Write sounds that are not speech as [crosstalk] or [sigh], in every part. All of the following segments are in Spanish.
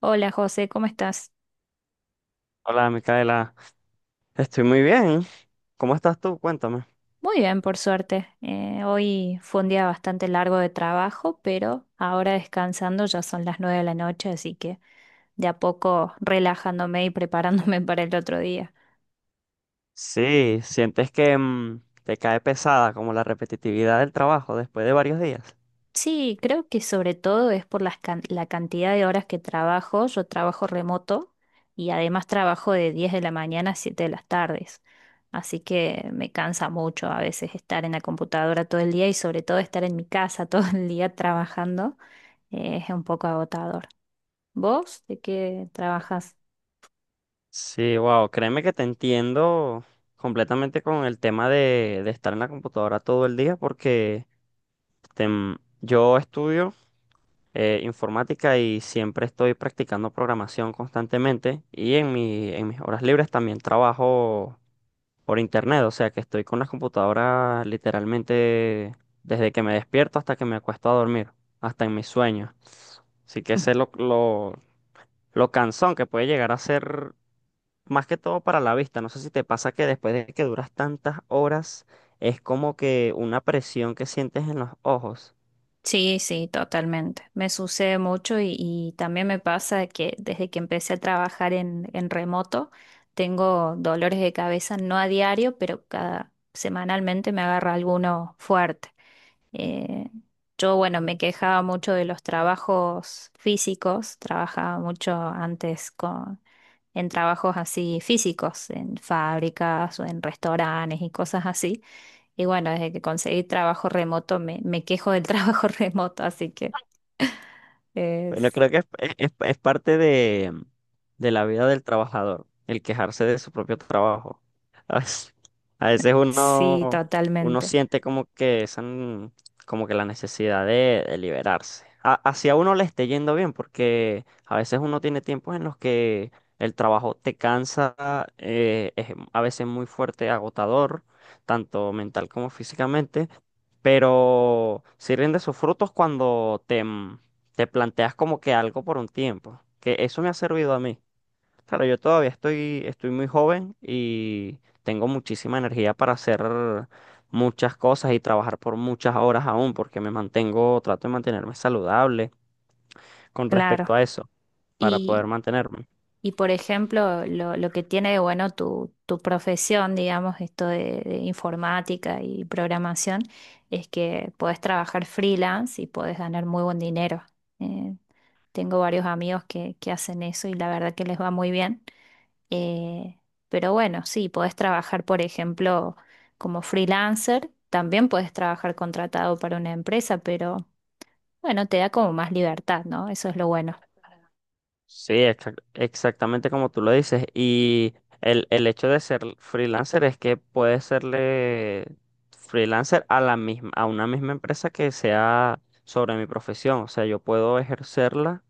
Hola José, ¿cómo estás? Hola, Micaela. Estoy muy bien. ¿Cómo estás tú? Cuéntame. Muy bien, por suerte. Hoy fue un día bastante largo de trabajo, pero ahora descansando ya son las 9 de la noche, así que de a poco relajándome y preparándome [laughs] para el otro día. Sí, ¿sientes que te cae pesada como la repetitividad del trabajo después de varios días? Sí, creo que sobre todo es por las la cantidad de horas que trabajo. Yo trabajo remoto y además trabajo de 10 de la mañana a 7 de las tardes. Así que me cansa mucho a veces estar en la computadora todo el día y sobre todo estar en mi casa [laughs] todo el día trabajando. Es un poco agotador. ¿Vos de qué trabajas? Sí, wow, créeme que te entiendo completamente con el tema de estar en la computadora todo el día porque yo estudio informática y siempre estoy practicando programación constantemente y en en mis horas libres también trabajo por internet, o sea que estoy con las computadoras literalmente desde que me despierto hasta que me acuesto a dormir, hasta en mis sueños. Así que sé lo cansón que puede llegar a ser, más que todo para la vista. No sé si te pasa que después de que duras tantas horas, es como que una presión que sientes en los ojos. Sí, sí, totalmente. Me sucede mucho y también me pasa que desde que empecé a trabajar en remoto, tengo dolores de cabeza, no a diario, pero cada semanalmente me agarra alguno fuerte. Eh, bueno, me quejaba mucho de los trabajos físicos, trabajaba mucho en trabajos así físicos, en fábricas o en restaurantes y cosas así. Y bueno, desde que conseguí trabajo remoto, me quejo del [laughs] trabajo remoto, así que Bueno, es, creo que es parte de la vida del trabajador, el quejarse de su propio trabajo. [laughs] A veces sí, uno totalmente, siente como que esa, como que la necesidad de liberarse. Hacia uno le esté yendo bien, porque a veces uno tiene tiempos en los que el trabajo te cansa, es a veces muy fuerte, agotador, tanto mental como físicamente, pero sí rinde sus frutos cuando te planteas como que algo por un tiempo, que eso me ha servido a mí. Claro, yo todavía estoy muy joven y tengo muchísima energía para hacer muchas cosas y trabajar por muchas horas aún, porque me mantengo, trato de mantenerme saludable con claro. respecto a eso, para poder Y, mantenerme. y por ejemplo, lo que tiene de bueno tu profesión, digamos, esto de informática y programación, es que podés trabajar freelance y podés ganar muy buen dinero. Eh, tengo varios amigos que hacen eso y la verdad que les va muy bien. Eh, pero bueno, sí, podés trabajar, por ejemplo, como freelancer, también podés trabajar contratado para una empresa, pero bueno, te da como más libertad, ¿no? Eso es lo bueno. Sí, exactamente como tú lo dices. Y el hecho de ser freelancer es que puedes serle freelancer a la misma, a una misma empresa que sea sobre mi profesión. O sea, yo puedo ejercerla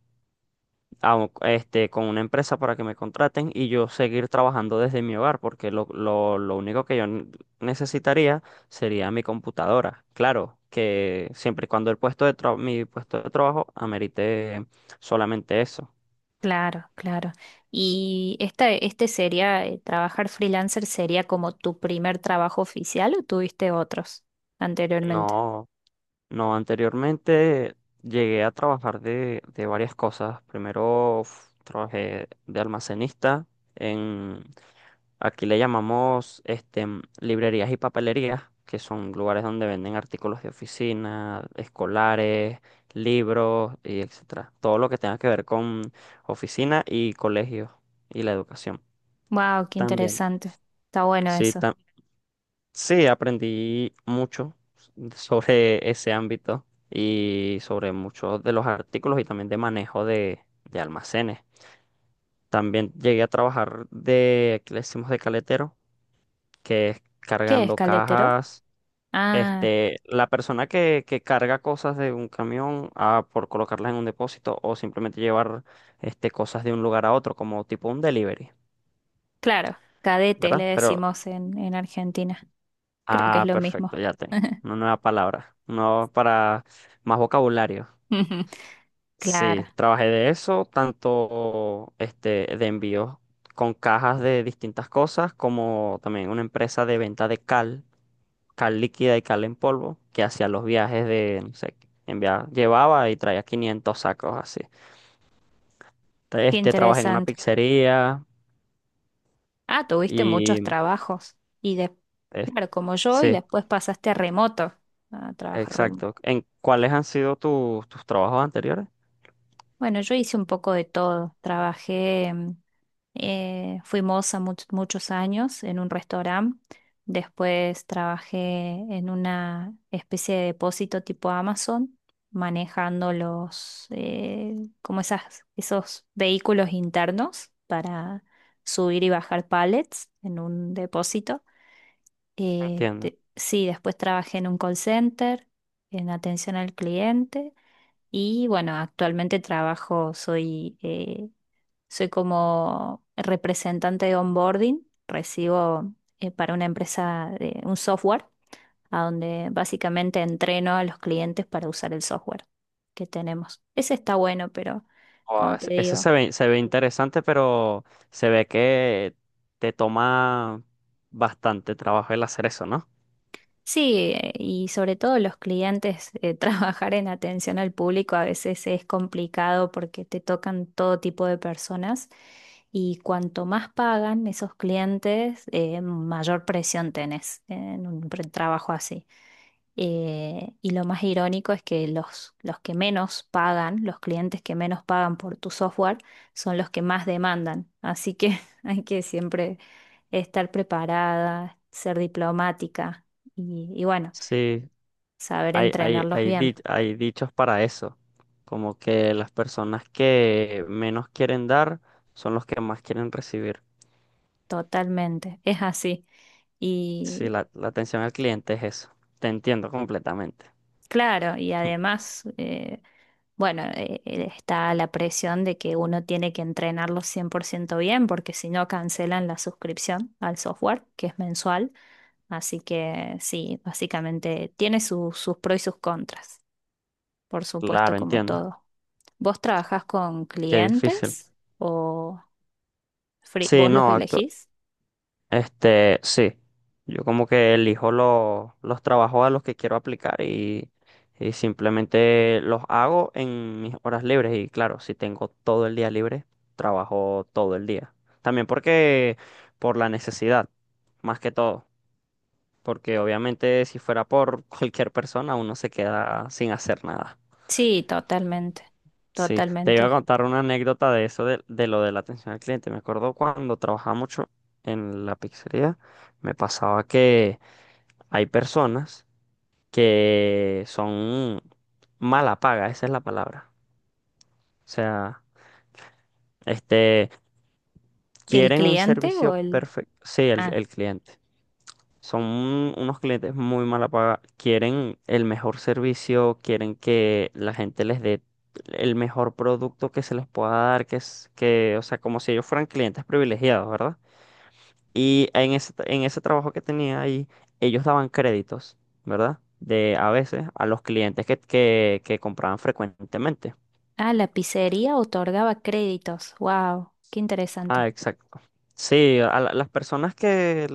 con una empresa para que me contraten y yo seguir trabajando desde mi hogar, porque lo único que necesitaría sería mi computadora. Claro, que siempre y cuando el mi puesto de trabajo amerite solamente eso. Claro, claro. ¿Y este sería, trabajar freelancer sería como tu primer trabajo oficial o tuviste otros anteriormente? No, no, anteriormente llegué a trabajar de varias cosas. Primero trabajé de almacenista. Aquí le llamamos librerías y papelerías, que son lugares donde venden artículos de oficina, escolares, libros y etcétera. Todo lo que tenga que ver con oficina y colegios y la educación. Wow, qué También. interesante. Está bueno Sí, eso. Sí, aprendí mucho [laughs] sobre ese ámbito y sobre muchos de los artículos y también de manejo de almacenes. También llegué a trabajar de, aquí le decimos de caletero, que es ¿Qué es cargando cadetero? cajas. Ah, Este, la persona que carga cosas de un camión a, por colocarlas en un depósito o simplemente llevar este, cosas de un lugar a otro, como tipo un delivery, claro, cadete le ¿verdad? Pero, exactamente. decimos en Argentina. Creo que es Ah, lo perfecto, mismo. ya tengo [laughs] una nueva palabra, no para más vocabulario. [laughs] Claro, Sí, trabajé de eso, tanto este, de envíos con cajas de distintas cosas, como también una empresa de venta de cal, cal líquida y cal en polvo, que hacía los viajes de, no sé, enviaba, llevaba y traía 500 sacos así. qué Este, trabajé en una interesante. pizzería Ah, tuviste y, muchos trabajos y es- claro, como yo, y sí, después pasaste a remoto, a trabajar remoto. exacto. ¿En cuáles han sido tus trabajos anteriores? Bueno, yo hice un poco de todo. Trabajé, fui moza muchos años en un restaurante. Después trabajé en una especie de depósito tipo Amazon, manejando los, como esos vehículos internos para subir y bajar pallets en un depósito. Entiendo. Sí, después trabajé en un call center, en atención al cliente. Y bueno, actualmente trabajo, soy soy como representante de onboarding, recibo para una empresa de un software a donde básicamente entreno a los clientes para usar el software que tenemos. Ese está bueno, pero Wow, como te ese digo. se se ve interesante, pero se ve que te toma bastante trabajo el hacer eso, ¿no? Sí, y sobre todo los clientes, [laughs] trabajar en atención al público a veces es complicado porque te tocan todo tipo de personas y cuanto más pagan esos clientes, mayor presión tenés en un trabajo así. Y lo más irónico es que los que menos pagan, los clientes que menos pagan por tu software, son los que más demandan. Así que [laughs] hay que siempre estar preparada, ser diplomática y bueno, Sí, saber entrenarlos bien. hay dichos para eso, como que las personas que menos quieren dar son los que más quieren recibir. Totalmente, es así. Sí, Y la atención al cliente es eso. Te entiendo completamente. claro, y además, bueno, está la presión de que uno tiene que entrenarlo 100% bien, porque si no cancelan la suscripción al software, que es mensual. Así que sí, básicamente tiene sus pros y sus contras, por supuesto, Claro, como entiendo. todo. ¿Vos trabajás con Qué difícil. clientes o Sí, vos los no, elegís? Sí, yo como que elijo los trabajos a los que quiero aplicar y simplemente los hago en mis horas libres y claro, si tengo todo el día libre, trabajo todo el día. También porque por la necesidad, más que todo, porque obviamente si fuera por [laughs] cualquier persona uno se queda sin hacer nada. Sí, totalmente, Sí, te totalmente. iba a Ojo. contar una anécdota de eso, de lo de la atención al cliente. Me acuerdo cuando trabajaba mucho en la pizzería, me pasaba que... Hay personas que son mala paga, esa es la palabra. O sea, este, ¿El quieren un cliente o servicio el... perfecto. Sí, Ah, el cliente. Son unos clientes muy mala paga. Quieren el mejor servicio, quieren que la gente les dé el mejor producto que se les pueda dar, que es que, o sea, como si ellos fueran clientes privilegiados, ¿verdad? Y en en ese trabajo que tenía ahí, ellos daban créditos, ¿verdad? De a veces a los clientes que compraban frecuentemente. ah, la pizzería otorgaba créditos. Wow, qué Ah, interesante. exacto. Sí, a las personas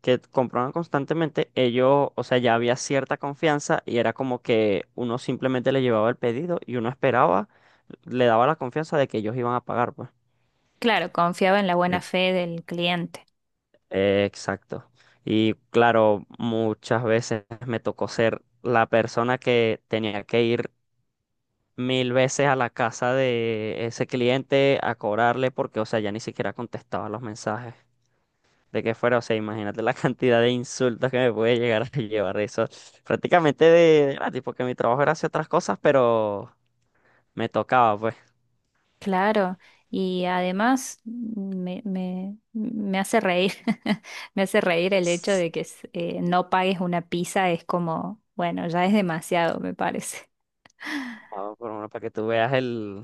que compraban constantemente, ellos, o sea, ya había cierta confianza y era como que uno simplemente le llevaba el pedido y uno esperaba, le daba la confianza de que ellos iban a pagar, pues. Claro, confiaba en la buena fe del cliente. Exacto. Y claro, muchas veces me tocó ser la persona que tenía que ir mil veces a la casa de ese cliente a cobrarle porque, o sea, ya ni siquiera contestaba los mensajes de que fuera. O sea, imagínate la [laughs] cantidad de insultos que me puede llegar a llevar eso. Prácticamente de gratis, porque mi trabajo era hacer otras cosas, pero me tocaba, pues. Claro, y además me hace reír, [laughs] me hace reír el hecho Sí. de que no pagues una pizza, es como, bueno, ya es demasiado, me parece. Ah, por lo menos para que tú veas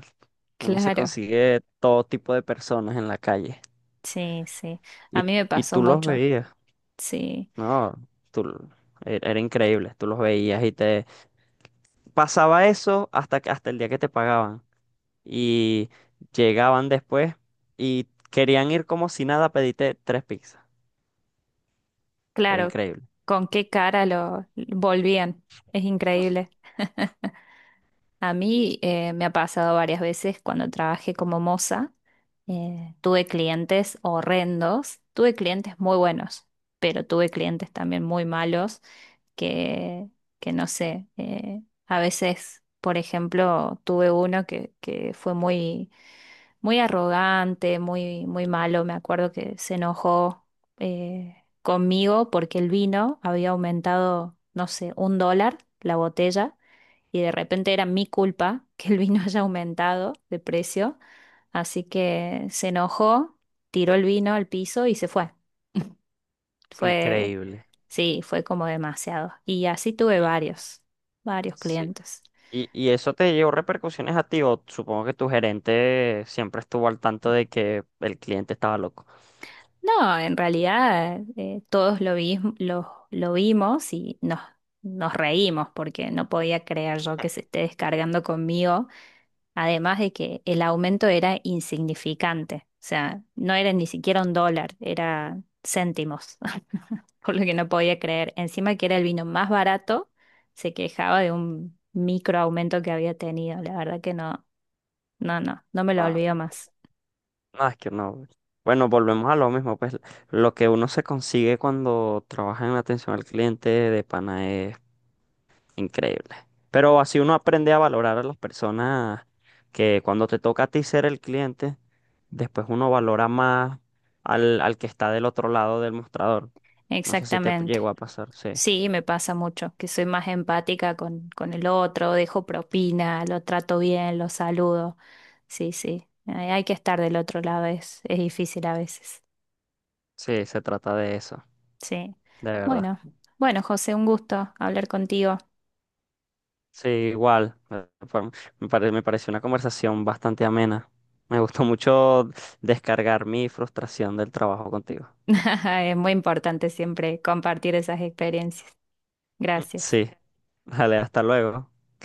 uno se Claro, consigue todo tipo de personas en la calle. sí, sí, a Y, mí me y pasó tú los mucho, veías. sí, No, tú, era increíble, tú los veías y te pasaba eso hasta, hasta el día que te pagaban y llegaban después y querían ir como si nada, pediste tres pizzas, era claro, increíble, con qué cara lo volvían, es increíble. A mí me ha pasado varias veces cuando trabajé como moza. Tuve clientes horrendos, tuve clientes muy buenos, pero tuve clientes también muy malos que, que no sé, a veces, por ejemplo, tuve uno que fue muy arrogante, muy malo, me acuerdo que se enojó eh, conmigo porque el vino había aumentado, no sé, un dólar la botella y de repente era mi culpa [laughs] que el vino [laughs] haya aumentado de precio, así que se enojó, tiró el vino al piso y se fue. Fue, increíble. sí, fue como demasiado. Y así tuve Y- varios, varios Sí. clientes. Y eso te llevó repercusiones a ti o supongo que tu gerente siempre estuvo al tanto de que el cliente estaba loco. No, en realidad todos lo vimos y nos reímos porque no podía creer yo que se esté descargando conmigo. Además de que el aumento era insignificante, o sea, no era ni siquiera un dólar, era céntimos, [laughs] por lo que no podía creer. Encima que era el vino más barato, se quejaba de un micro aumento que había tenido. La verdad que no, no, no me lo olvido más. No, es que no. Bueno, volvemos a lo mismo, pues lo que uno se consigue cuando trabaja en atención al cliente de pana es increíble. Pero así uno aprende a valorar a las personas que cuando te toca a ti ser el cliente, después uno valora más al que está del otro lado del mostrador. No sé si te Exactamente. llegó a pasar, sí. Sí, me pasa mucho, que soy más empática con el otro, dejo propina, lo trato bien, lo saludo. Sí, sí, hay que estar del otro lado, es difícil a veces. Sí, se trata de eso, Sí. de verdad. Bueno, bueno, José, un gusto hablar contigo. Sí, igual. Me pareció una conversación bastante amena. Me gustó mucho descargar mi frustración del trabajo contigo. [laughs] Es muy importante siempre compartir esas experiencias. Gracias. Sí. Dale, hasta luego.